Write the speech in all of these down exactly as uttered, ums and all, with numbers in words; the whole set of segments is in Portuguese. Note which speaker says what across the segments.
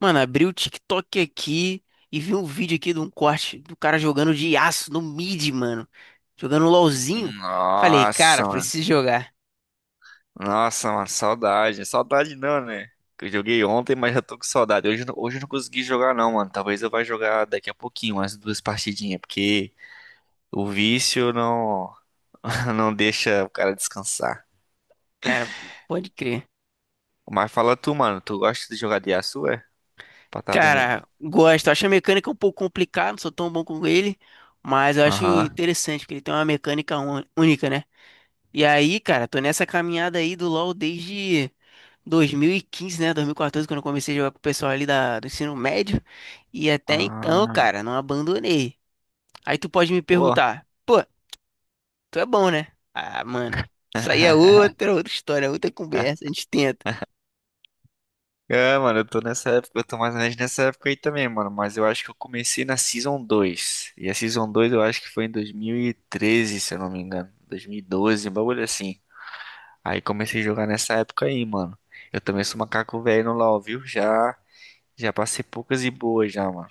Speaker 1: Mano, abri o TikTok aqui e vi um vídeo aqui de um corte do cara jogando de aço no mid, mano. Jogando um LOLzinho. Falei, cara,
Speaker 2: Nossa, mano.
Speaker 1: preciso jogar.
Speaker 2: Nossa, mano, saudade. Saudade não, né? Que eu joguei ontem, mas já tô com saudade. Hoje, eu não- hoje eu não consegui jogar, não, mano. Talvez eu vá jogar daqui a pouquinho, umas duas partidinhas, porque o vício não, não deixa o cara descansar.
Speaker 1: Cara, pode crer.
Speaker 2: Mas fala tu, mano, tu gosta de jogar de aço, é? Pra tá vendo.
Speaker 1: Cara, gosto. Acho a mecânica um pouco complicada, não sou tão bom com ele. Mas eu acho
Speaker 2: Aham.
Speaker 1: interessante, porque ele tem uma mecânica ún- única, né? E aí, cara, tô nessa caminhada aí do LoL desde dois mil e quinze, né? dois mil e quatorze, quando eu comecei a jogar com o pessoal ali da, do ensino médio. E até então,
Speaker 2: Ah.
Speaker 1: cara, não abandonei. Aí tu pode me
Speaker 2: Pô.
Speaker 1: perguntar, pô, tu é bom, né? Ah, mano, isso aí é outra, outra história, outra conversa, a gente tenta.
Speaker 2: É, mano, eu tô nessa época, eu tô mais ou menos nessa época aí também, mano. Mas eu acho que eu comecei na Season dois. E a Season dois, eu acho que foi em dois mil e treze, se eu não me engano. dois mil e doze, um bagulho assim. Aí comecei a jogar nessa época aí, mano. Eu também sou macaco velho no LoL, viu? Já, já passei poucas e boas já, mano.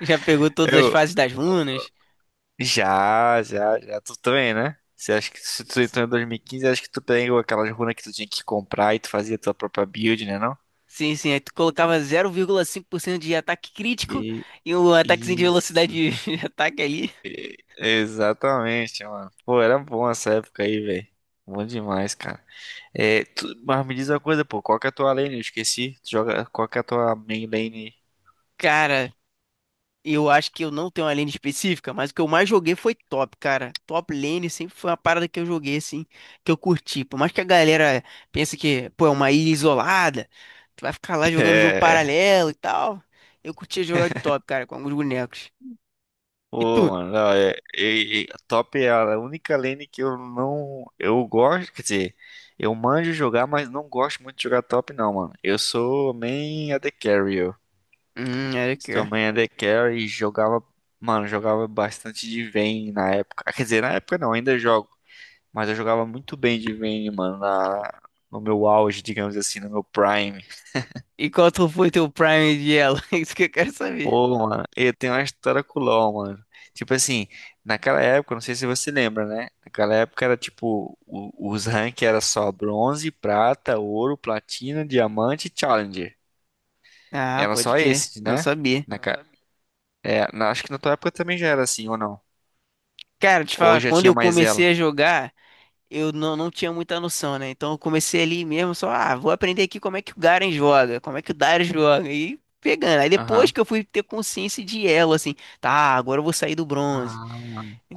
Speaker 1: Já pegou todas as
Speaker 2: Eu,
Speaker 1: fases das runas?
Speaker 2: já, já, já. Tu também, né? Você acha que se tu entrou em dois mil e quinze, acho que tu pegou aquelas runas que tu tinha que comprar e tu fazia tua própria build, né, não?
Speaker 1: Sim, sim, aí tu colocava zero vírgula cinco por cento de ataque crítico
Speaker 2: E
Speaker 1: e um ataquezinho de velocidade
Speaker 2: isso.
Speaker 1: de de ataque ali.
Speaker 2: Exatamente, mano. Pô, era bom essa época aí, velho. Bom demais, cara. É, tu- mas me diz uma coisa, pô, qual que é a tua lane? Eu esqueci. Tu joga, qual que é a tua main lane?
Speaker 1: Cara, eu acho que eu não tenho uma lane específica, mas o que eu mais joguei foi top, cara. Top lane sempre foi uma parada que eu joguei, assim, que eu curti. Por mais que a galera pense que, pô, é uma ilha isolada, tu vai ficar lá jogando jogo
Speaker 2: É.
Speaker 1: paralelo e tal. Eu curtia jogar de top, cara, com alguns bonecos. E
Speaker 2: Pô,
Speaker 1: tu?
Speaker 2: mano, não, é, é- é- top é a única lane que eu não. Eu gosto, quer dizer, eu manjo jogar, mas não gosto muito de jogar top, não, mano. Eu sou main A D Carry. Eu.
Speaker 1: Hum, era que.
Speaker 2: Sou
Speaker 1: É.
Speaker 2: main A D Carry e jogava. Mano, jogava bastante de Vayne na época. Ah, quer dizer, na época não, ainda jogo. Mas eu jogava muito bem de Vayne, mano, na- no meu auge, digamos assim, no meu prime.
Speaker 1: E qual tu foi teu prime de elo? Isso que eu quero saber.
Speaker 2: Pô, mano, eu tenho uma história com o LoL, mano. Tipo assim, naquela época, não sei se você lembra, né? Naquela época era tipo, o- os ranks era só bronze, prata, ouro, platina, diamante e challenger.
Speaker 1: Ah,
Speaker 2: Era
Speaker 1: pode
Speaker 2: só
Speaker 1: crer.
Speaker 2: esses,
Speaker 1: Não
Speaker 2: né?
Speaker 1: sabia.
Speaker 2: Na, ca- é, na- acho que na tua época também já era assim, ou não?
Speaker 1: Cara, te
Speaker 2: Ou
Speaker 1: falar,
Speaker 2: já
Speaker 1: quando
Speaker 2: tinha
Speaker 1: eu
Speaker 2: mais
Speaker 1: comecei
Speaker 2: ela?
Speaker 1: a jogar. eu não, não tinha muita noção, né? Então eu comecei ali mesmo, só, ah, vou aprender aqui como é que o Garen joga, como é que o Darius joga, e pegando. Aí depois
Speaker 2: Aham.
Speaker 1: que eu fui ter consciência de elo, assim, tá, agora eu vou sair do bronze,
Speaker 2: Ah,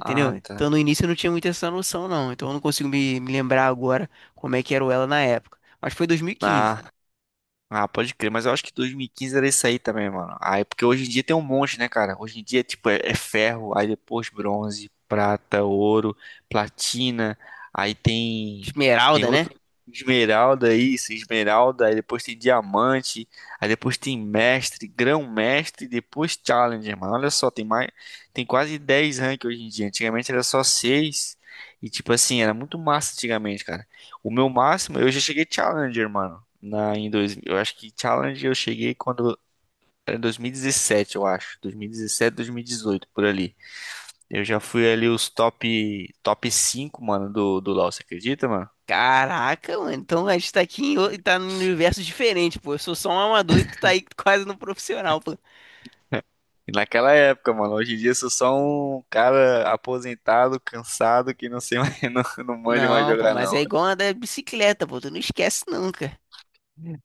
Speaker 2: ah, tá.
Speaker 1: Então no início eu não tinha muito essa noção, não. Então eu não consigo me, me lembrar agora como é que era o elo na época. Mas foi dois mil e quinze.
Speaker 2: Ah, ah, pode crer, mas eu acho que dois mil e quinze era isso aí também, mano. Aí, porque hoje em dia tem um monte, né, cara? Hoje em dia, tipo, é, é ferro, aí depois bronze, prata, ouro, platina, aí tem tem
Speaker 1: Esmeralda, né?
Speaker 2: outro esmeralda isso, esmeralda, aí depois tem diamante, aí depois tem mestre, grão-mestre, depois challenger, mano. Olha só, tem mais, tem quase dez rank hoje em dia. Antigamente era só seis e tipo assim, era muito massa antigamente, cara. O meu máximo, eu já cheguei challenger, mano. Na, em dois, eu acho que Challenge eu cheguei quando era em dois mil e dezessete, eu acho. dois mil e dezessete, dois mil e dezoito, por ali. Eu já fui ali os top top cinco mano, do, do LoL, você acredita, mano?
Speaker 1: Caraca, mano, então a gente tá aqui em, o- tá num universo diferente, pô. Eu sou só um amador e tu tá aí quase no profissional, pô.
Speaker 2: E naquela época, mano, hoje em dia eu sou só um cara aposentado, cansado, que não sei mais, não, não manja mais
Speaker 1: Não, pô,
Speaker 2: jogar,
Speaker 1: mas é
Speaker 2: não.
Speaker 1: igual a da bicicleta, pô, tu não esquece nunca.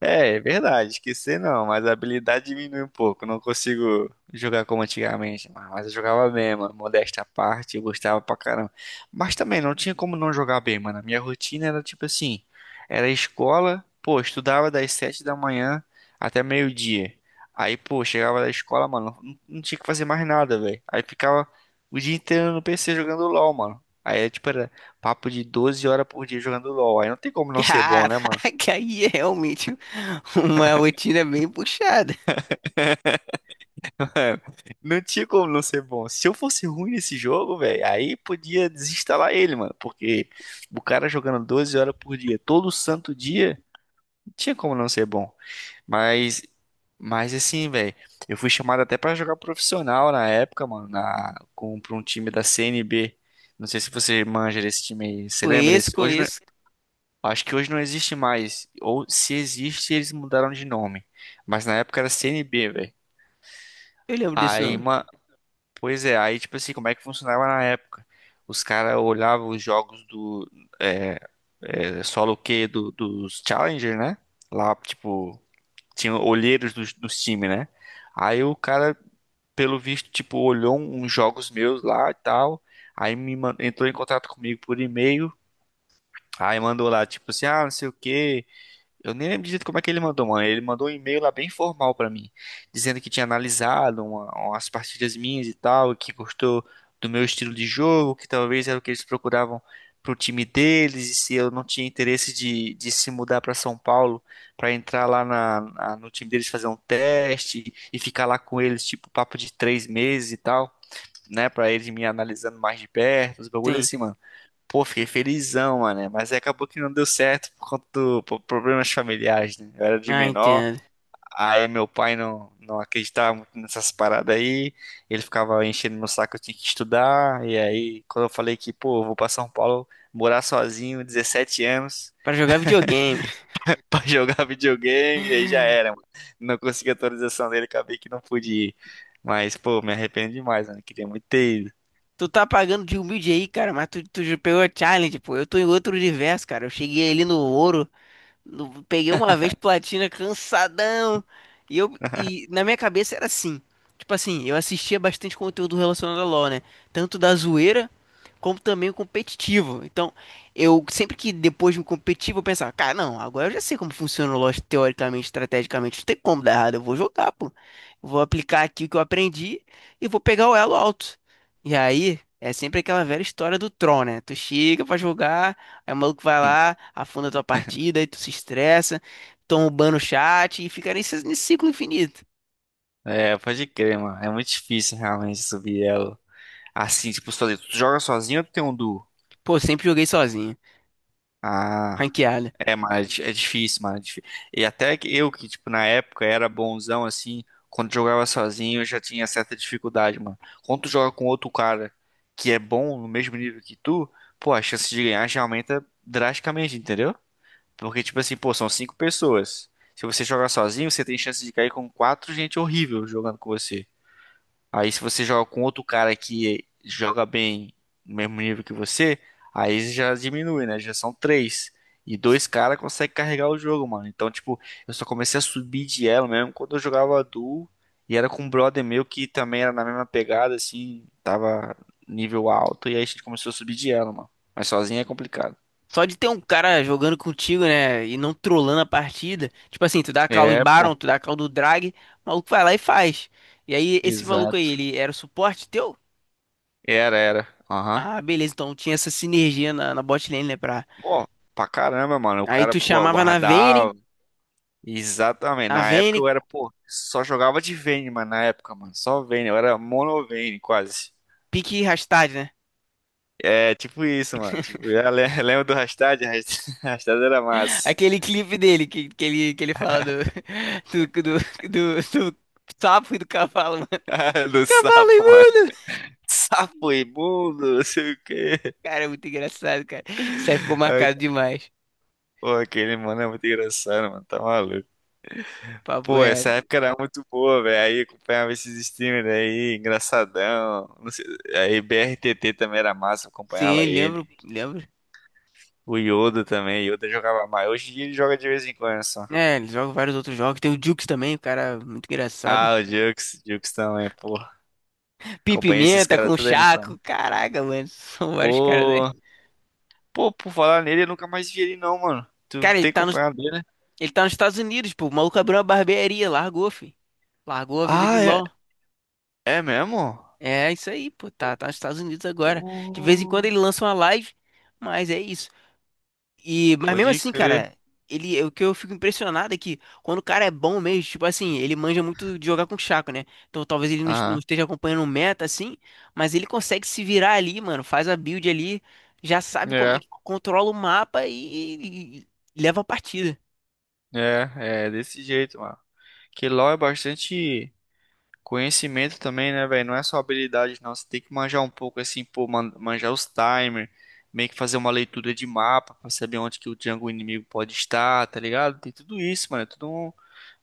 Speaker 2: É, é verdade, esquecer não, mas a habilidade diminui um pouco. Não consigo jogar como antigamente, mas mas eu jogava bem, mano. Modéstia à parte, eu gostava pra caramba. Mas também não tinha como não jogar bem, mano. A minha rotina era tipo assim: era escola, pô, estudava das sete da manhã até meio-dia. Aí, pô, chegava da escola, mano, não, não tinha que fazer mais nada, velho. Aí ficava o dia inteiro no P C jogando LOL, mano. Aí, tipo, era papo de doze horas por dia jogando LOL. Aí não tem como não ser bom, né, mano?
Speaker 1: Caraca, aí é realmente uma rotina bem puxada.
Speaker 2: Não tinha como não ser bom. Se eu fosse ruim nesse jogo, velho, aí podia desinstalar ele, mano. Porque o cara jogando doze horas por dia, todo santo dia, não tinha como não ser bom. Mas, mas assim, velho, eu fui chamado até pra jogar profissional na época, mano, na, com, pra um time da C N B. Não sei se você manja desse time aí. Você lembra
Speaker 1: Conheço,
Speaker 2: desse? Hoje não-
Speaker 1: conheço,
Speaker 2: acho que hoje não existe mais. Ou se existe, eles mudaram de nome. Mas na época era C N B velho.
Speaker 1: eu lembro desse
Speaker 2: Aí,
Speaker 1: nome.
Speaker 2: mano. Pois é, aí tipo assim, como é que funcionava na época? Os caras olhavam os jogos do é, é, solo Q do, dos Challenger, né? Lá, tipo, tinha olheiros dos, dos times, né? Aí o cara, pelo visto, tipo, olhou um, uns jogos meus lá e tal. Aí me man- entrou em contato comigo por e-mail. Aí mandou lá, tipo assim, ah, não sei o quê. Eu nem lembro direito como é que ele mandou, mano. Ele mandou um e-mail lá bem formal pra mim, dizendo que tinha analisado uma- umas partidas minhas e tal, que gostou do meu estilo de jogo, que talvez era o que eles procuravam pro time deles, e se eu não tinha interesse de, de se mudar pra São Paulo pra entrar lá na, na- no time deles fazer um teste e ficar lá com eles, tipo, papo de três meses e tal, né, pra eles me analisando mais de perto, os bagulhos
Speaker 1: Sim,
Speaker 2: assim, mano. Pô, fiquei felizão, mano, né? Mas aí acabou que não deu certo por conta do por problemas familiares, né? Eu era de
Speaker 1: ah,
Speaker 2: menor,
Speaker 1: entendo.
Speaker 2: aí meu pai não, não acreditava muito nessas paradas aí. Ele ficava enchendo meu saco, eu tinha que estudar. E aí, quando eu falei que, pô, eu vou pra São Paulo morar sozinho, dezessete anos,
Speaker 1: Pra jogar videogame.
Speaker 2: pra jogar videogame, e aí já era, mano. Não consegui a atualização dele, acabei que não pude ir. Mas, pô, me arrependo demais, mano. Queria muito ter ido.
Speaker 1: Tu tá pagando de humilde aí, cara, mas tu, tu já pegou a challenge, pô. Eu tô em outro universo, cara. Eu cheguei ali no ouro, eu peguei uma vez platina cansadão. E eu e na minha cabeça era assim. Tipo assim, eu assistia bastante conteúdo relacionado a LoL, né? Tanto da zoeira como também o competitivo. Então, eu sempre que depois do competitivo eu pensava, cara, não, agora eu já sei como funciona o LoL teoricamente, estrategicamente, não tem como dar errado, eu vou jogar, pô. Eu vou aplicar aqui o que eu aprendi e vou pegar o elo alto. E aí, é sempre aquela velha história do Tron, né? Tu chega pra jogar. Aí o maluco vai lá, afunda a tua partida, aí tu se estressa, toma o ban no chat e fica nesse, nesse ciclo infinito.
Speaker 2: É, pode crer, mano. É muito difícil realmente subir ela. Assim, tipo, sozinho. Tu joga sozinho ou tu tem um duo?
Speaker 1: Pô, sempre joguei sozinho,
Speaker 2: Ah,
Speaker 1: ranqueada.
Speaker 2: é, mas é di- é difícil, mano. é difí- E até que eu, que, tipo, na época era bonzão, assim, quando jogava sozinho eu já tinha certa dificuldade, mano. Quando tu joga com outro cara que é bom no mesmo nível que tu, pô, a chance de ganhar já aumenta drasticamente, entendeu? Porque, tipo assim, pô, são cinco pessoas. Se você jogar sozinho, você tem chance de cair com quatro gente horrível jogando com você. Aí se você joga com outro cara que joga bem no mesmo nível que você, aí já diminui, né? Já são três. E dois caras conseguem carregar o jogo, mano. Então, tipo, eu só comecei a subir de elo mesmo quando eu jogava duo. E era com um brother meu que também era na mesma pegada, assim, tava nível alto. E aí a gente começou a subir de elo, mano. Mas sozinho é complicado.
Speaker 1: Só de ter um cara jogando contigo, né, e não trollando a partida. Tipo assim, tu dá a call do
Speaker 2: É, pô.
Speaker 1: Baron, tu dá a call do Drag, o maluco vai lá e faz. E aí, esse maluco aí,
Speaker 2: Exato.
Speaker 1: ele era o suporte teu?
Speaker 2: Era, era. Aham.
Speaker 1: Ah, beleza, então tinha essa sinergia na, na bot lane, né, pra...
Speaker 2: Pô, pra caramba, mano. O
Speaker 1: Aí
Speaker 2: cara,
Speaker 1: tu
Speaker 2: pô,
Speaker 1: chamava na Vayne,
Speaker 2: aguardava. Exatamente.
Speaker 1: a
Speaker 2: Na época
Speaker 1: Vayne,
Speaker 2: eu era, pô, só jogava de Vayne, mano, na época, mano. Só Vayne, eu era mono Vayne, quase.
Speaker 1: pique Rastad, né?
Speaker 2: É, tipo isso, mano. Tipo, eu le- lembro do hashtag? Hashtag hashtag era massa.
Speaker 1: Aquele clipe dele que, que, ele, que ele fala do, do, do, do, do sapo e do cavalo, mano.
Speaker 2: Do
Speaker 1: Cavalo
Speaker 2: sapo, mano.
Speaker 1: imundo!
Speaker 2: Sapo imundo, não sei o quê.
Speaker 1: Cara, é muito engraçado, cara. Isso aí ficou
Speaker 2: Ai,
Speaker 1: marcado demais.
Speaker 2: pô, aquele, mano, é muito engraçado, mano. Tá maluco.
Speaker 1: Papo
Speaker 2: Pô, essa
Speaker 1: reto.
Speaker 2: época era muito boa, velho. Aí acompanhava esses streamers aí, engraçadão. Não sei, aí B R T T também era massa, eu
Speaker 1: Sim,
Speaker 2: acompanhava ele.
Speaker 1: lembro, lembro.
Speaker 2: O Yoda também, Yoda jogava mais. Hoje em dia ele joga de vez em quando só.
Speaker 1: É, ele joga vários outros jogos. Tem o Jukes também, o cara muito engraçado.
Speaker 2: Ah, o Jux, Jux também, pô.
Speaker 1: Pim
Speaker 2: Acompanhei esses
Speaker 1: Pimenta com
Speaker 2: caras
Speaker 1: o
Speaker 2: tudo aí no plano.
Speaker 1: Chaco. Caraca, mano. São vários caras aí.
Speaker 2: Pô, pô, por falar nele, eu nunca mais vi ele não, mano. Tu
Speaker 1: Cara, ele
Speaker 2: tem
Speaker 1: tá nos,
Speaker 2: acompanhado ele, né?
Speaker 1: ele tá nos Estados Unidos, pô. O maluco abriu uma barbearia, largou, fi. Largou a vida de
Speaker 2: Ah, é,
Speaker 1: LOL.
Speaker 2: é mesmo?
Speaker 1: É isso aí, pô. Tá, tá nos Estados Unidos agora. De vez em quando
Speaker 2: Pô,
Speaker 1: ele lança uma live, mas é isso. E, mas mesmo
Speaker 2: pode
Speaker 1: assim,
Speaker 2: crer.
Speaker 1: cara, ele, é o que eu fico impressionado é que quando o cara é bom mesmo, tipo assim, ele manja muito de jogar com o Chaco, né? Então talvez ele não, es- não
Speaker 2: Ah,
Speaker 1: esteja acompanhando o meta, assim, mas ele consegue se virar ali, mano. Faz a build ali, já sabe como é
Speaker 2: é,
Speaker 1: que controla o mapa e, e e leva a partida.
Speaker 2: é, é desse jeito, mano. Que LoL é bastante. Conhecimento também, né, velho? Não é só habilidade, não. Você tem que manjar um pouco, assim, pô, man- manjar os timer, meio que fazer uma leitura de mapa pra saber onde que o jungle inimigo pode estar, tá ligado? Tem tudo isso, mano. É tudo um-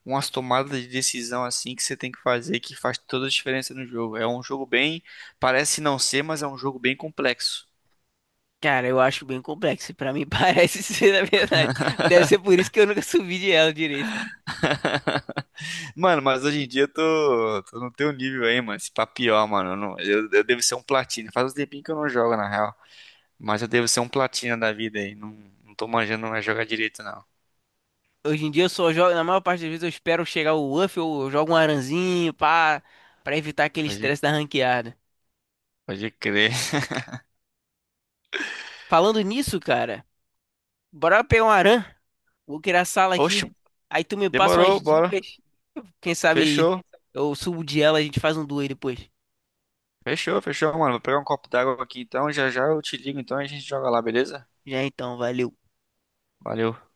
Speaker 2: umas tomadas de decisão, assim, que você tem que fazer, que faz toda a diferença no jogo. É um jogo bem. Parece não ser, mas é um jogo bem complexo.
Speaker 1: Cara, eu acho bem complexo. Pra mim parece ser, na verdade. Deve ser por isso que eu nunca subi de ela direito.
Speaker 2: Mano, mas hoje em dia eu tô, tô no teu nível aí, mano. Esse papião, mano. Eu, não- eu eu devo ser um platina? Faz um tempinho que eu não jogo, na real. Mas eu devo ser um platina da vida aí. Não, não tô manjando mais jogar direito, não.
Speaker 1: Hoje em dia eu só jogo, na maior parte das vezes eu espero chegar o Uff, eu jogo um aranzinho, pá, pra evitar aquele
Speaker 2: Pode,
Speaker 1: estresse da ranqueada.
Speaker 2: pode crer.
Speaker 1: Falando nisso, cara, bora pegar um aran, vou criar a sala
Speaker 2: Oxe,
Speaker 1: aqui. Aí tu me passa umas
Speaker 2: demorou, bora.
Speaker 1: dicas, quem sabe
Speaker 2: Fechou.
Speaker 1: eu subo de ela, a gente faz um duo aí depois.
Speaker 2: Fechou, fechou, mano. Vou pegar um copo d'água aqui então. Já já eu te ligo então e a gente joga lá, beleza?
Speaker 1: Já então, valeu.
Speaker 2: Valeu.